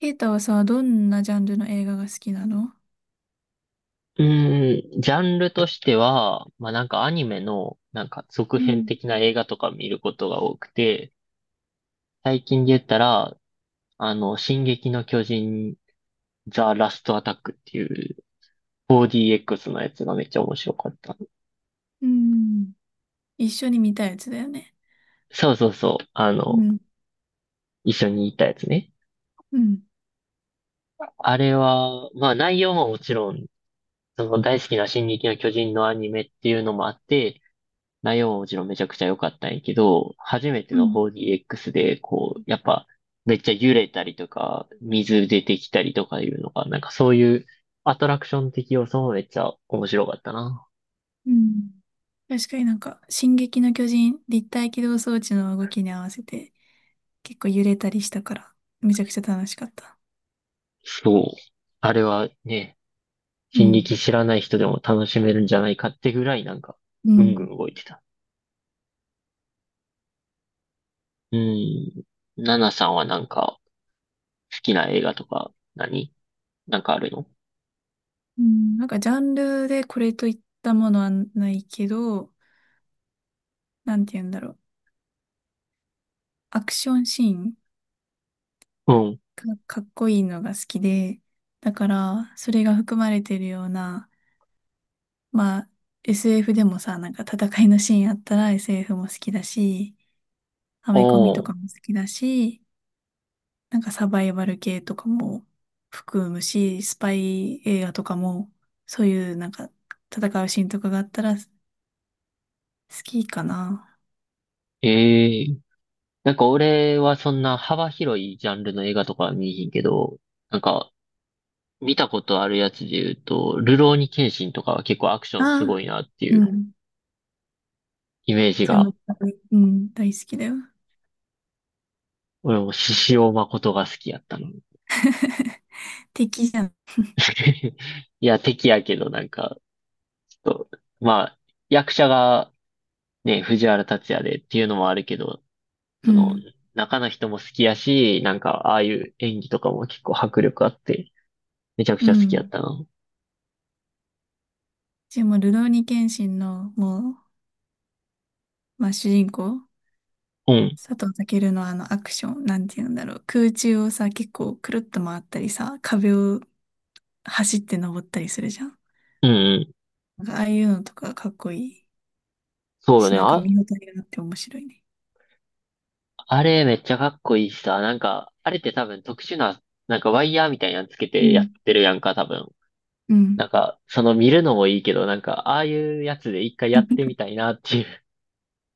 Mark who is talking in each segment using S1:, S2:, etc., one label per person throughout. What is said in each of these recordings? S1: ケイタはさ、どんなジャンルの映画が好きなの？
S2: うーん、ジャンルとしては、まあなんかアニメのなんか続
S1: う
S2: 編
S1: ん。
S2: 的な映画とか見ることが多くて、最近で言ったら、進撃の巨人、ザ・ラスト・アタックっていう 4DX のやつがめっちゃ面白かった。
S1: うん、一緒に見たやつだよね。
S2: そうそうそう、
S1: うん。
S2: 一緒にいたやつね。
S1: うん。
S2: あれは、まあ内容ももちろん、その大好きな進撃の巨人のアニメっていうのもあって、内容ももちろんめちゃくちゃ良かったんやけど、初めて
S1: う
S2: の
S1: ん。
S2: 4DX で、こう、やっぱ、めっちゃ揺れたりとか、水出てきたりとかいうのが、なんかそういうアトラクション的要素もめっちゃ面白かったな。
S1: うん。確かになんか、進撃の巨人、立体起動装置の動きに合わせて、結構揺れたりしたから、めちゃくちゃ楽しかった。
S2: そう。あれはね、
S1: う
S2: 進
S1: ん。
S2: 撃知らない人でも楽しめるんじゃないかってぐらいなんか、
S1: う
S2: ぐんぐん
S1: ん。
S2: 動いてた。うん。ナナさんはなんか、好きな映画とか何、なんかあるの？
S1: うんなんか、ジャンルでこれといったものはないけど、なんて言うんだろう。アクションシーン
S2: うん。
S1: か、かっこいいのが好きで、だから、それが含まれてるような、まあ、SF でもさ、なんか戦いのシーンあったら SF も好きだし、アメコミと
S2: お
S1: か
S2: ー。
S1: も好きだし、なんかサバイバル系とかも含むし、スパイ映画とかも、そういうなんか戦うシーンとかがあったら好きかな。
S2: ええなんか俺はそんな幅広いジャンルの映画とかは見えへんけど、なんか見たことあるやつで言うと、るろうに剣心とかは結構アクシ
S1: あ
S2: ョンすごい
S1: あ、
S2: なってい
S1: う
S2: う
S1: ん。
S2: イメージ
S1: じゃ
S2: が、
S1: 分、うん、大好きだよ。
S2: 俺も獅子王誠が好きやったの。
S1: 敵じゃん。
S2: いや、敵やけどなんか、ちょっと、まあ、役者がね、藤原竜也でっていうのもあるけど、
S1: う
S2: その、
S1: ん。
S2: 中の人も好きやし、なんか、ああいう演技とかも結構迫力あって、めちゃく
S1: う
S2: ちゃ好きやっ
S1: ん。
S2: たな。
S1: でも、ルローニケンシンの、もう、まあ、主人公
S2: うん。
S1: 佐藤健のあのアクション、なんて言うんだろう。空中をさ、結構くるっと回ったりさ、壁を走って登ったりするじゃん。
S2: うんうん。
S1: なんかああいうのとかかっこいい
S2: そうよ
S1: し、
S2: ね。
S1: なんか
S2: あ、
S1: 見応えがあって面白いね。
S2: あれめっちゃかっこいいしさ、なんか、あれって多分特殊な、なんかワイヤーみたいなのつけ
S1: う
S2: てやっ
S1: ん。
S2: てるやんか、多分。
S1: うん。
S2: なんか、その見るのもいいけど、なんか、ああいうやつで一回やってみたい なっていう。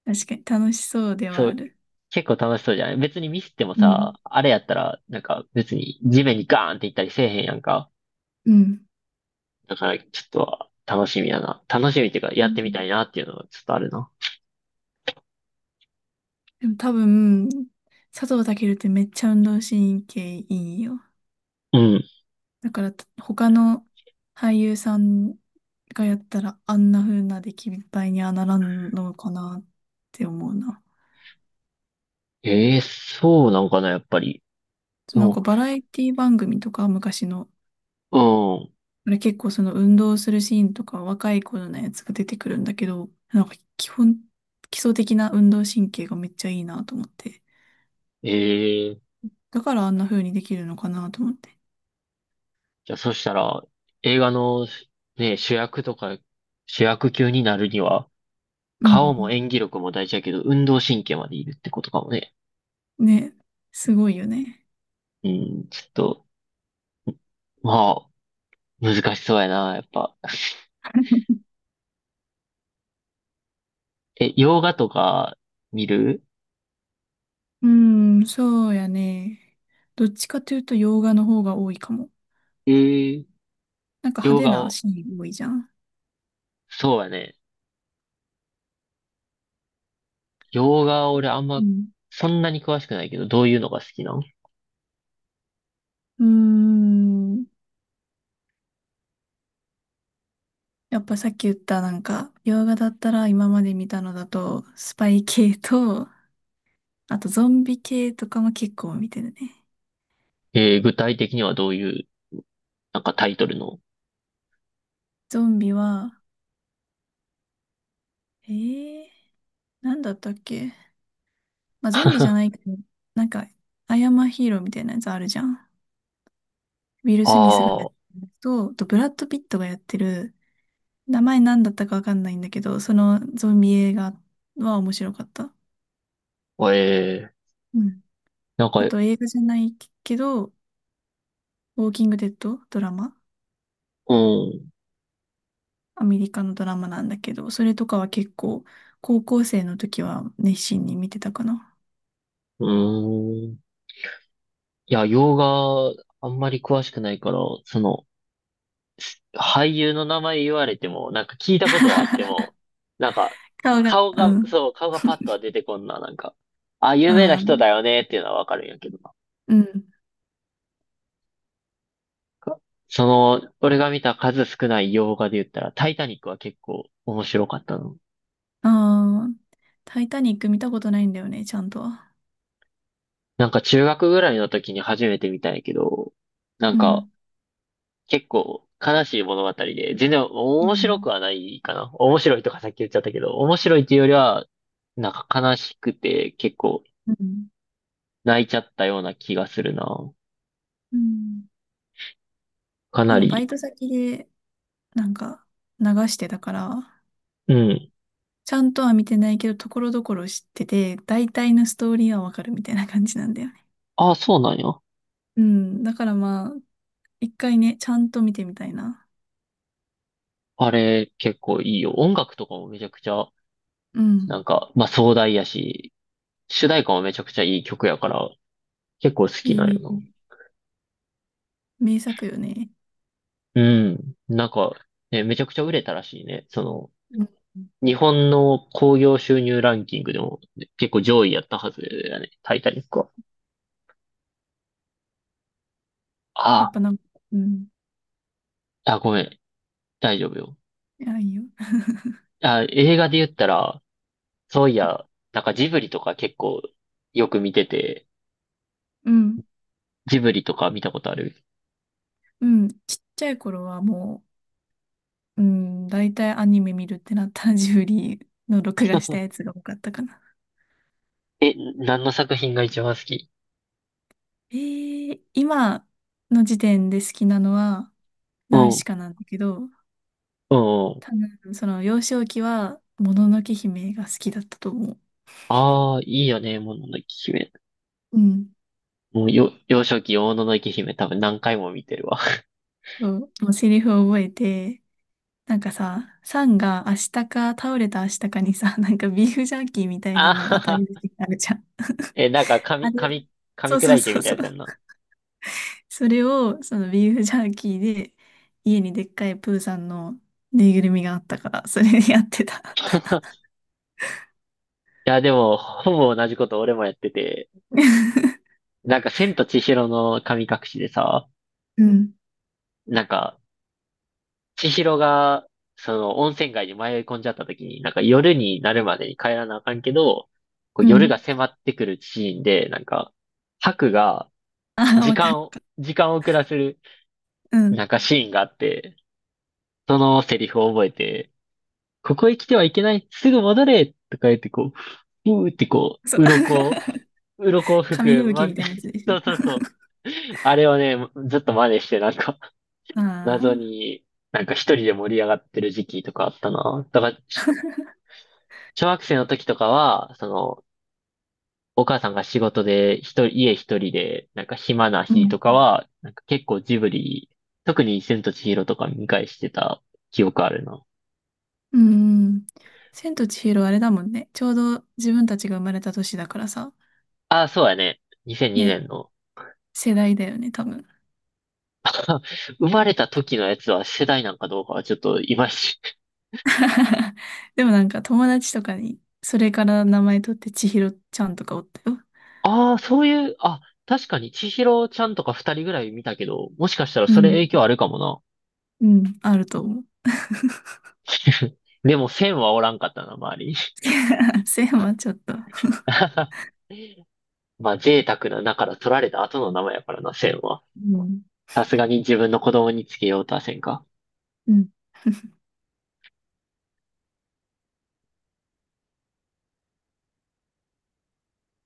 S1: 確かに楽しそう では
S2: そ
S1: あ
S2: う、
S1: る。
S2: 結構楽しそうじゃない別にミスっても
S1: う
S2: さ、
S1: ん。
S2: あれやったら、なんか別に地面にガーンっていったりせえへんやんか。
S1: うん。
S2: だから、ちょっと楽しみやな。楽しみっていうか、
S1: う
S2: やってみ
S1: ん、
S2: たいなっていうのがちょっとあるな。
S1: でも多分、佐藤健ってめっちゃ運動神経いいよ。
S2: うん。
S1: だから、他の俳優さんがやったら、あんな風な出来栄えにはならんのかなって思うな。
S2: ええそうなんかな、やっぱり。
S1: そ
S2: で
S1: うなん
S2: も。
S1: かバラエティ番組とか、昔の、
S2: うん。
S1: あれ結構その運動するシーンとか、若い頃のやつが出てくるんだけど、なんか基本、基礎的な運動神経がめっちゃいいなと思って。
S2: ええ
S1: だからあんな風にできるのかなと思って。
S2: じゃあ、そしたら、映画の、ね、主役とか、主役級になるには、
S1: う
S2: 顔も
S1: ん。
S2: 演技力も大事やけど、運動神経までいるってことかもね。
S1: ね、すごいよね。
S2: うん、ちょっと、まあ、難しそうやな、やっぱ。え、洋画とか見る？
S1: うん、そうやね。どっちかというと洋画の方が多いかも。
S2: えー、
S1: なんか派
S2: 洋
S1: 手
S2: 画
S1: な
S2: を、
S1: シーン多いじゃん。
S2: そうやね。洋画俺あん
S1: う
S2: ま、
S1: ん。
S2: そんなに詳しくないけど、どういうのが好きなん？
S1: うーん。やっぱさっき言ったなんか、洋画だったら今まで見たのだと、スパイ系と、あとゾンビ系とかも結構見てるね。
S2: えー、具体的にはどういう、なんかタイトルの。
S1: ゾンビは、えー、なんだったっけ？まあゾンビじゃないけ ど、なんか、アイアンマンヒーローみたいなやつあるじゃん。ウィル・スミスがやっ
S2: あ
S1: てるやつと、あとブラッド・ピットがやってる、名前なんだったかわかんないんだけど、そのゾンビ映画は面白かった。
S2: あ、ええ
S1: うん。
S2: なんか、う
S1: あと
S2: ん、
S1: 映画じゃないけど、ウォーキングデッドドラマ、
S2: う
S1: アメリカのドラマなんだけど、それとかは結構高校生の時は熱心に見てたかな。
S2: ーん。いや、洋画、あんまり詳しくないから、その、俳優の名前言われても、なんか聞いたことはあっても、なんか、
S1: 顔が、
S2: 顔
S1: う
S2: が、
S1: ん、
S2: そう、顔がパッとは出てこんな、なんか、あ、有名な
S1: あ
S2: 人
S1: ー、
S2: だよねっていうのはわかるんやけどな。
S1: うん、
S2: その、俺が見た数少ない洋画で言ったら、タイタニックは結構面白かったの。
S1: ああ、タイタニック見たことないんだよね、ちゃんとは。
S2: なんか中学ぐらいの時に初めて見たんやけど、なん
S1: う
S2: か
S1: ん。
S2: 結構悲しい物語で、全然
S1: う
S2: 面白
S1: ん。
S2: くはないかな。面白いとかさっき言っちゃったけど、面白いっていうよりは、なんか悲しくて結構
S1: うん。
S2: 泣いちゃったような気がするな。
S1: うん。
S2: か
S1: そ
S2: な
S1: のバイ
S2: り。
S1: ト先でなんか流してたから、
S2: うん。
S1: ちゃんとは見てないけど、ところどころ知ってて、大体のストーリーはわかるみたいな感じなんだよね。
S2: ああ、そうなんや。
S1: うん。だからまあ、一回ね、ちゃんと見てみたいな。
S2: あれ結構いいよ。音楽とかもめちゃくちゃ、
S1: うん。
S2: なんか、まあ壮大やし、主題歌もめちゃくちゃいい曲やから、結構好き
S1: い
S2: なん
S1: い、
S2: よ
S1: 名作よね。
S2: な。うん。なんか、ね、めちゃくちゃ売れたらしいね。その、
S1: うん。
S2: 日本の興行収入ランキングでも結構上位やったはずだね。タイタニックは。
S1: やっ
S2: あ
S1: ぱなんか、うん。
S2: あ、あ、ごめん。大丈夫よ。
S1: いや、いいよ。
S2: あ、映画で言ったら、そういや、なんかジブリとか結構よく見てて、
S1: うん。
S2: ジブリとか見たことある？
S1: うん。ちっちゃい頃はもう、うん、大体アニメ見るってなったらジブリの録画したやつが多かったかな。
S2: え、何の作品が一番好き？
S1: 今の時点で好きなのは、
S2: う
S1: ナウシ
S2: ん、
S1: カなんだけど、
S2: うん、うん。
S1: 多分その幼少期は、もののけ姫が好きだったと思う。
S2: ああ、いいよね、もののけ姫。
S1: うん。
S2: もうよ、幼少期、もののけ姫多分何回も見てるわ。
S1: そう、もうセリフを覚えて、なんかさ、サンが明日か倒れた明日かにさ、なんかビーフジャーキーみたいな
S2: あ
S1: の
S2: は
S1: 当た
S2: は。
S1: り出てあるじゃん。
S2: え、なんか
S1: あれ、
S2: 噛
S1: そ
S2: み
S1: うそ
S2: 砕
S1: う
S2: いて
S1: そ
S2: み
S1: う
S2: た
S1: そ
S2: や
S1: う。
S2: つやんな。
S1: それを、そのビーフジャーキーで、家にでっかいプーさんのぬいぐるみがあったから、それでやってた。
S2: いや、でも、ほぼ同じこと俺もやってて、なんか、千と千尋の神隠しでさ、
S1: うん。
S2: なんか、千尋が、その、温泉街に迷い込んじゃった時に、なんか、夜になるまでに帰らなあかんけど、こう
S1: う
S2: 夜
S1: ん。
S2: が迫ってくるシーンで、なんか、ハクが、
S1: ああ、わかる。
S2: 時間を遅らせる、
S1: うん。
S2: なんかシーンがあって、そのセリフを覚えて、ここへ来てはいけない、すぐ戻れとか言って、こう、うーってこ
S1: そう。
S2: う、鱗を吹
S1: 紙
S2: く、
S1: 吹雪
S2: ま、
S1: みたいなやつで し
S2: そ
S1: ょ。
S2: うそうそう。あれをね、ずっと真似して、なんか、
S1: あ
S2: 謎
S1: あ。
S2: に、なんか一人で盛り上がってる時期とかあったな。だから、小学生の時とかは、その、お母さんが仕事で一人、家一人で、なんか暇な
S1: う
S2: 日
S1: ん。
S2: とかは、なんか結構ジブリ、特に千と千尋とか見返してた記憶あるな。
S1: うん。千と千尋あれだもんね。ちょうど自分たちが生まれた年だからさ。
S2: ああ、そうやね。2002
S1: ね。
S2: 年の。
S1: 世代だよね、多分。
S2: 生まれた時のやつは世代なんかどうかはちょっといまいち。
S1: でもなんか友達とかに、それから名前取って千尋ちゃんとかおったよ。
S2: ああ、そういう、あ、確かに、千尋ちゃんとか二人ぐらい見たけど、もしかしたら
S1: う
S2: それ
S1: ん。
S2: 影響あるかもな。
S1: うん。あると思う。
S2: でも、千はおらんかったな、周りに。
S1: せいはちょっと。
S2: まあ、贅沢な名から取られた後の名前やからな、千は。
S1: うん。
S2: さすがに自分の子供につけようとはせんか。
S1: うん